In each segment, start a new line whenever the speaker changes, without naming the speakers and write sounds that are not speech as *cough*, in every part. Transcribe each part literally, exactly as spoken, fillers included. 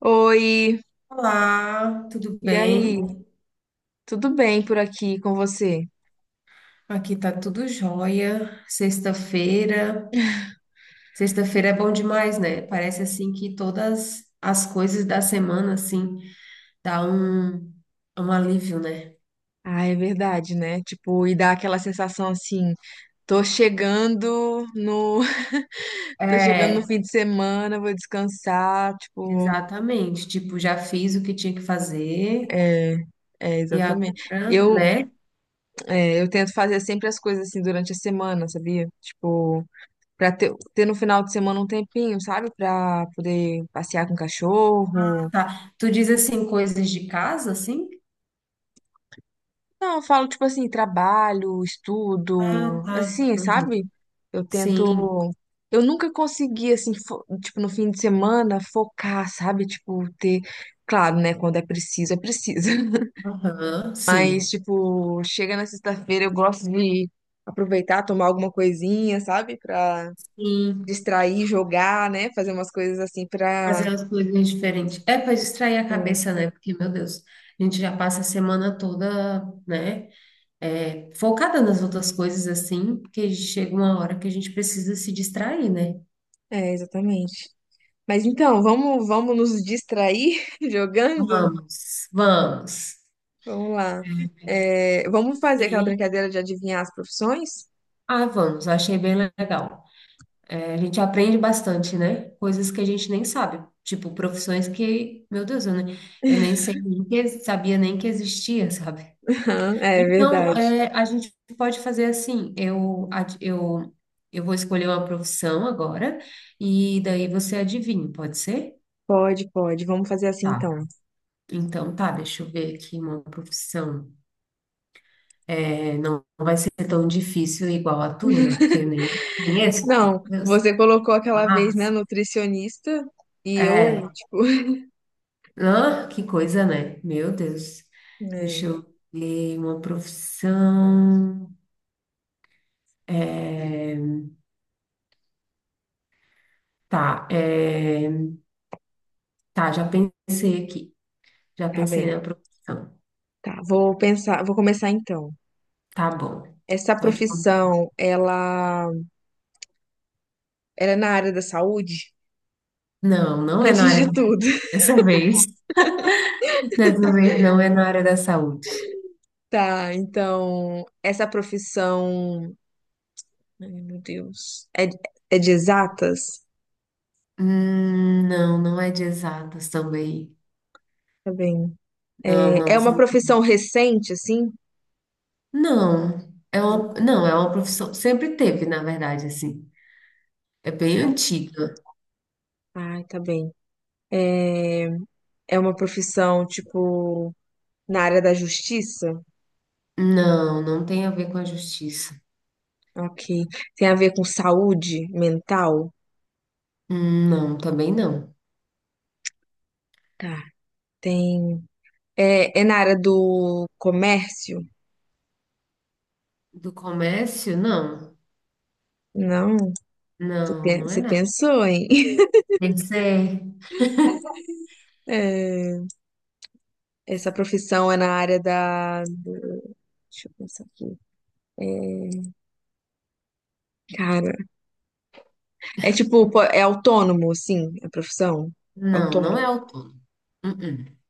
Oi,
Olá, tudo
e aí?
bem?
Tudo bem por aqui com você?
Aqui tá tudo jóia. Sexta-feira. Sexta-feira é bom demais, né? Parece assim que todas as coisas da semana assim dá um um alívio, né?
Ah, é verdade, né? Tipo, e dá aquela sensação assim, tô chegando no, *laughs* tô chegando no
É,
fim de semana, vou descansar, tipo,
exatamente. Tipo, já fiz o que tinha que fazer
é, é
e
exatamente.
agora,
Eu,
né?
é, eu tento fazer sempre as coisas assim durante a semana, sabia? Tipo, pra ter, ter no final de semana um tempinho, sabe? Pra poder passear com o cachorro.
Tá. Tu diz assim coisas de casa assim?
Não, eu falo, tipo assim, trabalho,
Ah,
estudo,
tá.
assim,
Uhum.
sabe? Eu tento.
Sim.
Eu nunca consegui, assim, fo- tipo, no fim de semana, focar, sabe? Tipo, ter. Claro, né? Quando é preciso, é preciso. *laughs*
Aham,
Mas,
sim.
tipo, chega na sexta-feira, eu gosto de aproveitar, tomar alguma coisinha, sabe? Pra
Sim.
distrair, jogar, né? Fazer umas coisas assim pra.
Fazer as coisas diferentes. É para distrair a
É,
cabeça, né? Porque, meu Deus, a gente já passa a semana toda, né? É, focada nas outras coisas, assim, porque chega uma hora que a gente precisa se distrair, né?
é, exatamente. Mas então, vamos, vamos nos distrair *laughs* jogando?
Vamos, vamos.
Vamos lá.
É,
É, vamos fazer aquela
sei.
brincadeira de adivinhar as profissões?
Ah, vamos, achei bem legal. É, a gente aprende bastante, né? Coisas que a gente nem sabe. Tipo, profissões que, meu Deus, eu nem, eu nem sei nem que, sabia nem que existia, sabe?
*laughs* É
Então,
verdade.
é, a gente pode fazer assim, eu, ad- eu, eu vou escolher uma profissão agora, e daí você adivinha, pode ser?
Pode, pode. Vamos fazer assim
Tá.
então.
Então, tá, deixa eu ver aqui uma profissão. É, não vai ser tão difícil igual a tua, né? Porque eu nem conheço. Meu
Não,
Deus.
você colocou aquela vez, né,
Mas,
nutricionista, e eu,
é.
tipo,
Ah, que coisa, né? Meu Deus.
*laughs* é,
Deixa eu ver uma profissão. É, tá, é, tá, já pensei aqui. Já
tá bem.
pensei na profissão.
Tá, vou pensar, vou começar então.
Tá bom.
Essa
Pode começar.
profissão, ela, ela é na área da saúde?
Não,
*laughs*
não é na
Antes
área
de tudo. *laughs*
dessa vez. Dessa vez não é na área da saúde.
Tá, então, essa profissão, ai, meu Deus, é, é de exatas?
Hum, não, não é de exatas também.
Tá bem.
Não,
É
não. se
uma
enca-
profissão recente, assim?
Não, é
Ah,
uma, não, é uma profissão. Sempre teve, na verdade, assim. É bem
tá.
antiga.
Ai, tá bem. É, é uma profissão, tipo, na área da justiça?
Não, não tem a ver com a justiça.
Ok. Tem a ver com saúde mental?
Hum, Não, também não.
Tá. Tem. É, é na área do comércio?
Do comércio, não.
Não. Você
Não,
pe-
não é
você
nada.
pensou, hein? *laughs*
Tem que ser.
É, essa profissão é na área da. Deixa eu pensar aqui. É, cara, é tipo, pô, é autônomo, sim, a profissão?
Não, não é
Autônomo,
autônomo. Uh-uh.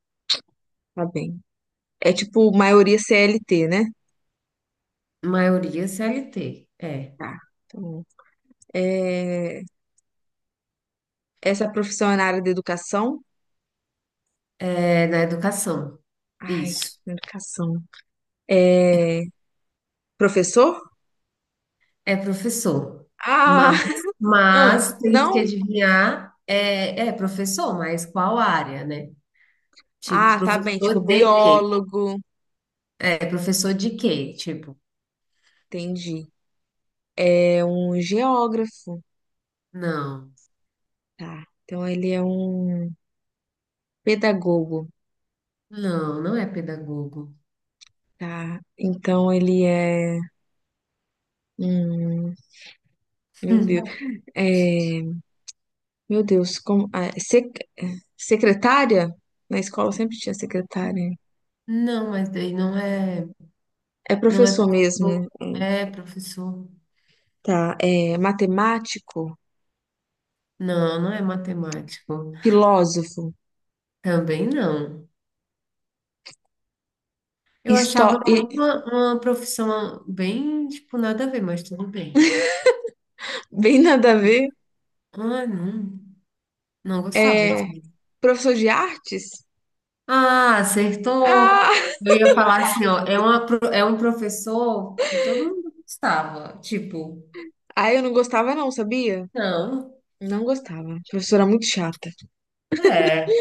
tá bem. É tipo maioria C L T, né?
Maioria C L T, é.
Tá. Então, é, essa profissão é na área da educação?
É na educação.
Ai,
Isso.
educação. É professor?
É professor.
Ah,
Mas,
*laughs* ah,
mas temos que
não?
adivinhar, é, é professor, mas qual área, né? Tipo,
Ah, tá bem,
professor
tipo
de quê?
biólogo.
É, professor de quê? Tipo,
Entendi. É um geógrafo.
não,
Tá. Então ele é um pedagogo.
não, não é pedagogo.
Tá. Então ele é um, meu Deus.
*laughs*
É, meu Deus, como ah, sec- secretária? Na escola sempre tinha secretária.
Hum, não, mas daí não é,
É
não é
professor mesmo,
professor. É professor.
tá? É matemático,
Não, não é matemático.
filósofo,
Também não. Eu achava
histó...
bem
e-
uma, uma profissão bem, tipo, nada a ver, mas tudo bem.
bem nada a ver.
Ah, não, não gostava.
É
Tipo.
professor de artes?
Ah, acertou.
Ah!
Eu ia falar assim, ó, é uma, pro- é um professor que todo mundo gostava. Tipo,
Aí eu não gostava não, sabia?
não,
Não gostava. A professora muito chata.
é.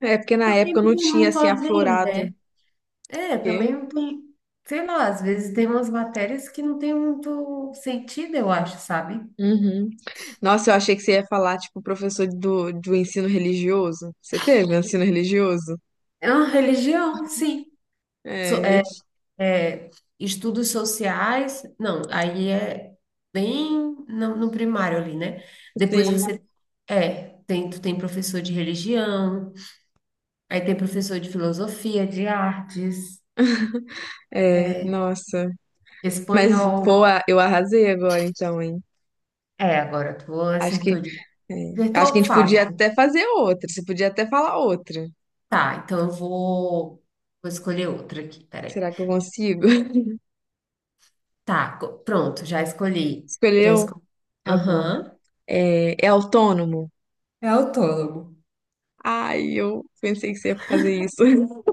É porque na
Também
época eu
não
não
tem
tinha
muito
assim
a ver,
aflorado.
né? É,
Quê?
também não tem, sei lá, às vezes tem umas matérias que não tem muito sentido, eu acho, sabe?
Uhum. Nossa, eu achei que você ia falar, tipo, professor do, do ensino religioso. Você teve um ensino religioso?
É uma religião, sim.
É, eu
É, estudos sociais, não, aí é bem no, no primário ali, né? Depois
sim.
você é, tem, tu tem professor de religião, aí tem professor de filosofia, de artes,
É,
é,
nossa. Mas,
espanhol.
pô, a- eu arrasei agora então, hein?
É, agora tu
Acho que
acertou de
é. Acho que
acertou
a gente podia
fácil.
até fazer outra. Você podia até falar outra.
Tá, então eu vou vou escolher outra aqui, peraí.
Será que eu consigo? *laughs*
Tá, co- pronto, já escolhi. Já
Escolheu?
escolhi.
Tá bom.
Aham.
É, é autônomo?
É autônomo.
Ai, eu pensei que você ia fazer isso. *laughs*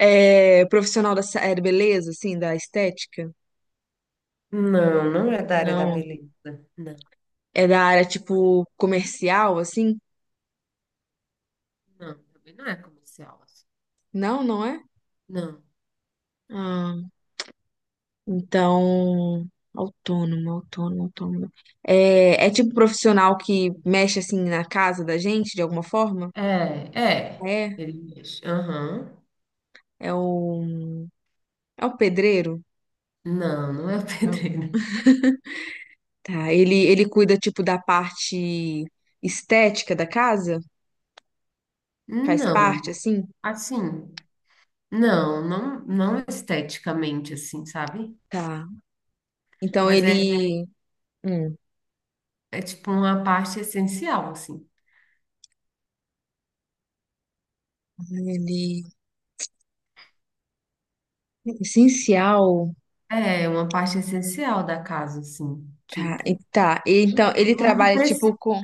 É profissional da sa- é da beleza, assim, da estética?
Não, não é da área da
Não.
beleza. Não.
É da área, tipo, comercial, assim?
Não, também não é comercial, assim.
Não, não é?
Não.
Ah, então. Autônomo, autônomo, autônomo. É, é tipo profissional que mexe, assim, na casa da gente, de alguma forma?
É, é.
É?
Ele mexe. Aham.
É o. É o pedreiro?
Não, não é o *laughs*
Não.
pedreiro.
Tá, ele, ele cuida, tipo, da parte estética da casa? Faz
Não.
parte, assim?
Assim, não, não, não esteticamente, assim, sabe?
Tá. Então
Mas é,
ele. Hum,
é tipo uma parte essencial, assim.
ele. Essencial.
É uma parte essencial da casa, assim.
Tá. e-
Tipo,
Tá. E então ele
todo mundo
trabalha,
precisa.
tipo, com,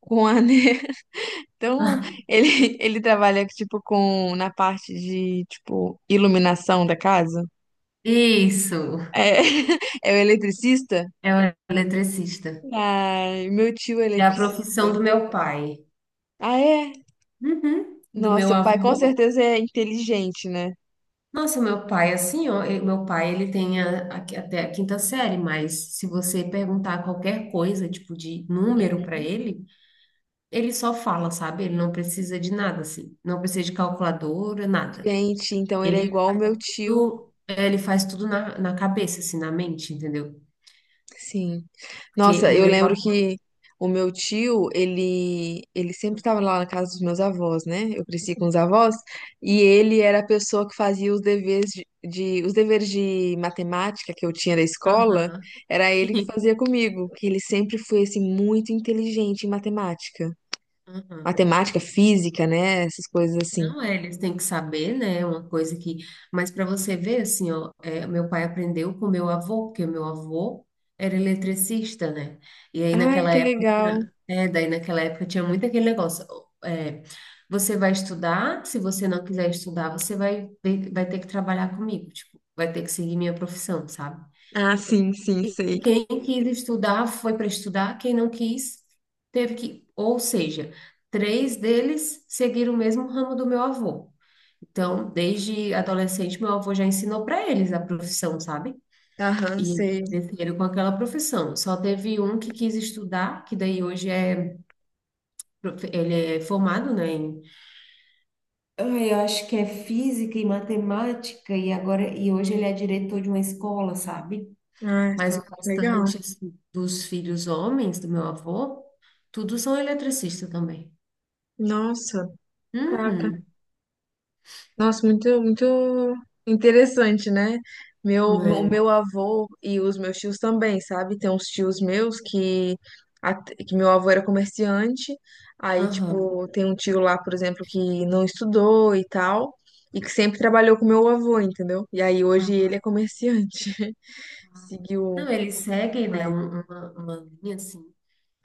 com a. *laughs* Então
*laughs*
ele, ele trabalha, tipo, com. Na parte de, tipo, iluminação da casa?
Isso,
É, *laughs* é o eletricista?
é o eletricista.
Ai, meu tio é
É a profissão
eletricista.
do meu pai.
Ah, é?
Uhum. Do
Nossa,
meu
seu pai com
avô.
certeza é inteligente, né?
Nossa, meu pai, assim, ó, e- meu pai, ele tem a- a- até a quinta série, mas se você perguntar qualquer coisa, tipo, de número para
Uhum.
ele, ele só fala, sabe? Ele não precisa de nada, assim, não precisa de calculadora, nada.
Gente, então ele é
Ele
igual o
faz
meu tio.
tudo, é, ele faz tudo na, na, cabeça, assim, na mente, entendeu?
Sim.
Porque
Nossa,
o
eu
meu...
lembro
avô-
que o meu tio, ele, ele sempre estava lá na casa dos meus avós, né? Eu cresci com os avós e ele era a pessoa que fazia os deveres de, de- os deveres de matemática que eu tinha da escola,
Aham, *laughs*
era ele que
sim,
fazia comigo, que ele sempre foi assim muito inteligente em matemática.
aham.
Matemática, física, né? Essas coisas assim.
Não é, eles têm que saber, né? É uma coisa que. Mas para você ver, assim, ó, é, meu pai aprendeu com meu avô, porque meu avô era eletricista, né? E aí
Ai,
naquela
que
época,
legal.
tinha- é, daí naquela época tinha muito aquele negócio. É, você vai estudar, se você não quiser estudar, você vai, ter- vai ter que trabalhar comigo, tipo, vai ter que seguir minha profissão, sabe?
Ah, sim, sim,
E
sei.
quem quis estudar foi para estudar, quem não quis teve que. Ou seja, três deles seguiram o mesmo ramo do meu avô. Então, desde adolescente, meu avô já ensinou para eles a profissão, sabe?
Aham,
E
sei.
desceram com aquela profissão. Só teve um que quis estudar, que daí hoje é, prof- ele é formado, né, em- ai, eu acho que é física e matemática e agora e hoje ele é diretor de uma escola, sabe?
Ah,
Mas
tá.
o
Legal.
restante assim, dos filhos homens do meu avô, todos são eletricistas também.
Nossa, caraca.
Uhum.
Nossa, muito, muito interessante, né? Meu, meu- o
É.
meu avô e os meus tios também, sabe? Tem uns tios meus que, at- que meu avô era comerciante, aí,
Aham.
tipo, tem um tio lá, por exemplo, que não estudou e tal, e que sempre trabalhou com meu avô, entendeu? E aí hoje
Ah.
ele é comerciante. *laughs* Seguiu
Não,
o
eles seguem, né,
pai.
um- uma, uma linha assim.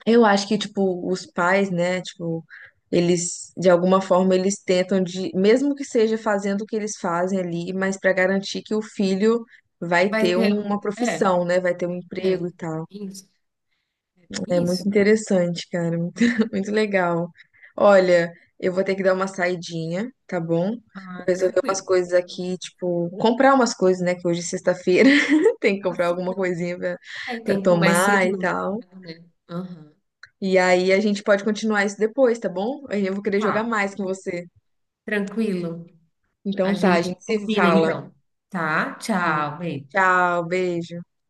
Eu acho que, tipo, os pais, né, tipo, eles, de alguma forma, eles tentam de, mesmo que seja fazendo o que eles fazem ali, mas para garantir que o filho vai
Vai
ter
ter.
uma
um, É,
profissão, né, vai ter um
é.
emprego e tal.
Isso. É
É
bem
muito
isso?
interessante, cara, muito,
Ah,
*laughs* muito legal. Olha, eu vou ter que dar uma saidinha, tá bom? Vou
ah,
resolver umas
tranquilo.
coisas
Sem problema
aqui, tipo, comprar umas coisas, né, que hoje é sexta-feira, *laughs* tem que comprar
assim,
alguma
não.
coisinha pra,
É,
pra
tem que ir mais
tomar
cedo
e
no
tal.
mercado, né? Aham.
E aí a gente pode continuar isso depois, tá bom? Eu vou querer jogar
Tá,
mais
tá
com
bom.
você.
Tranquilo. A
Então tá, a
gente
gente se
combina
fala.
então. Tá? Tchau, beijo.
Tchau, beijo.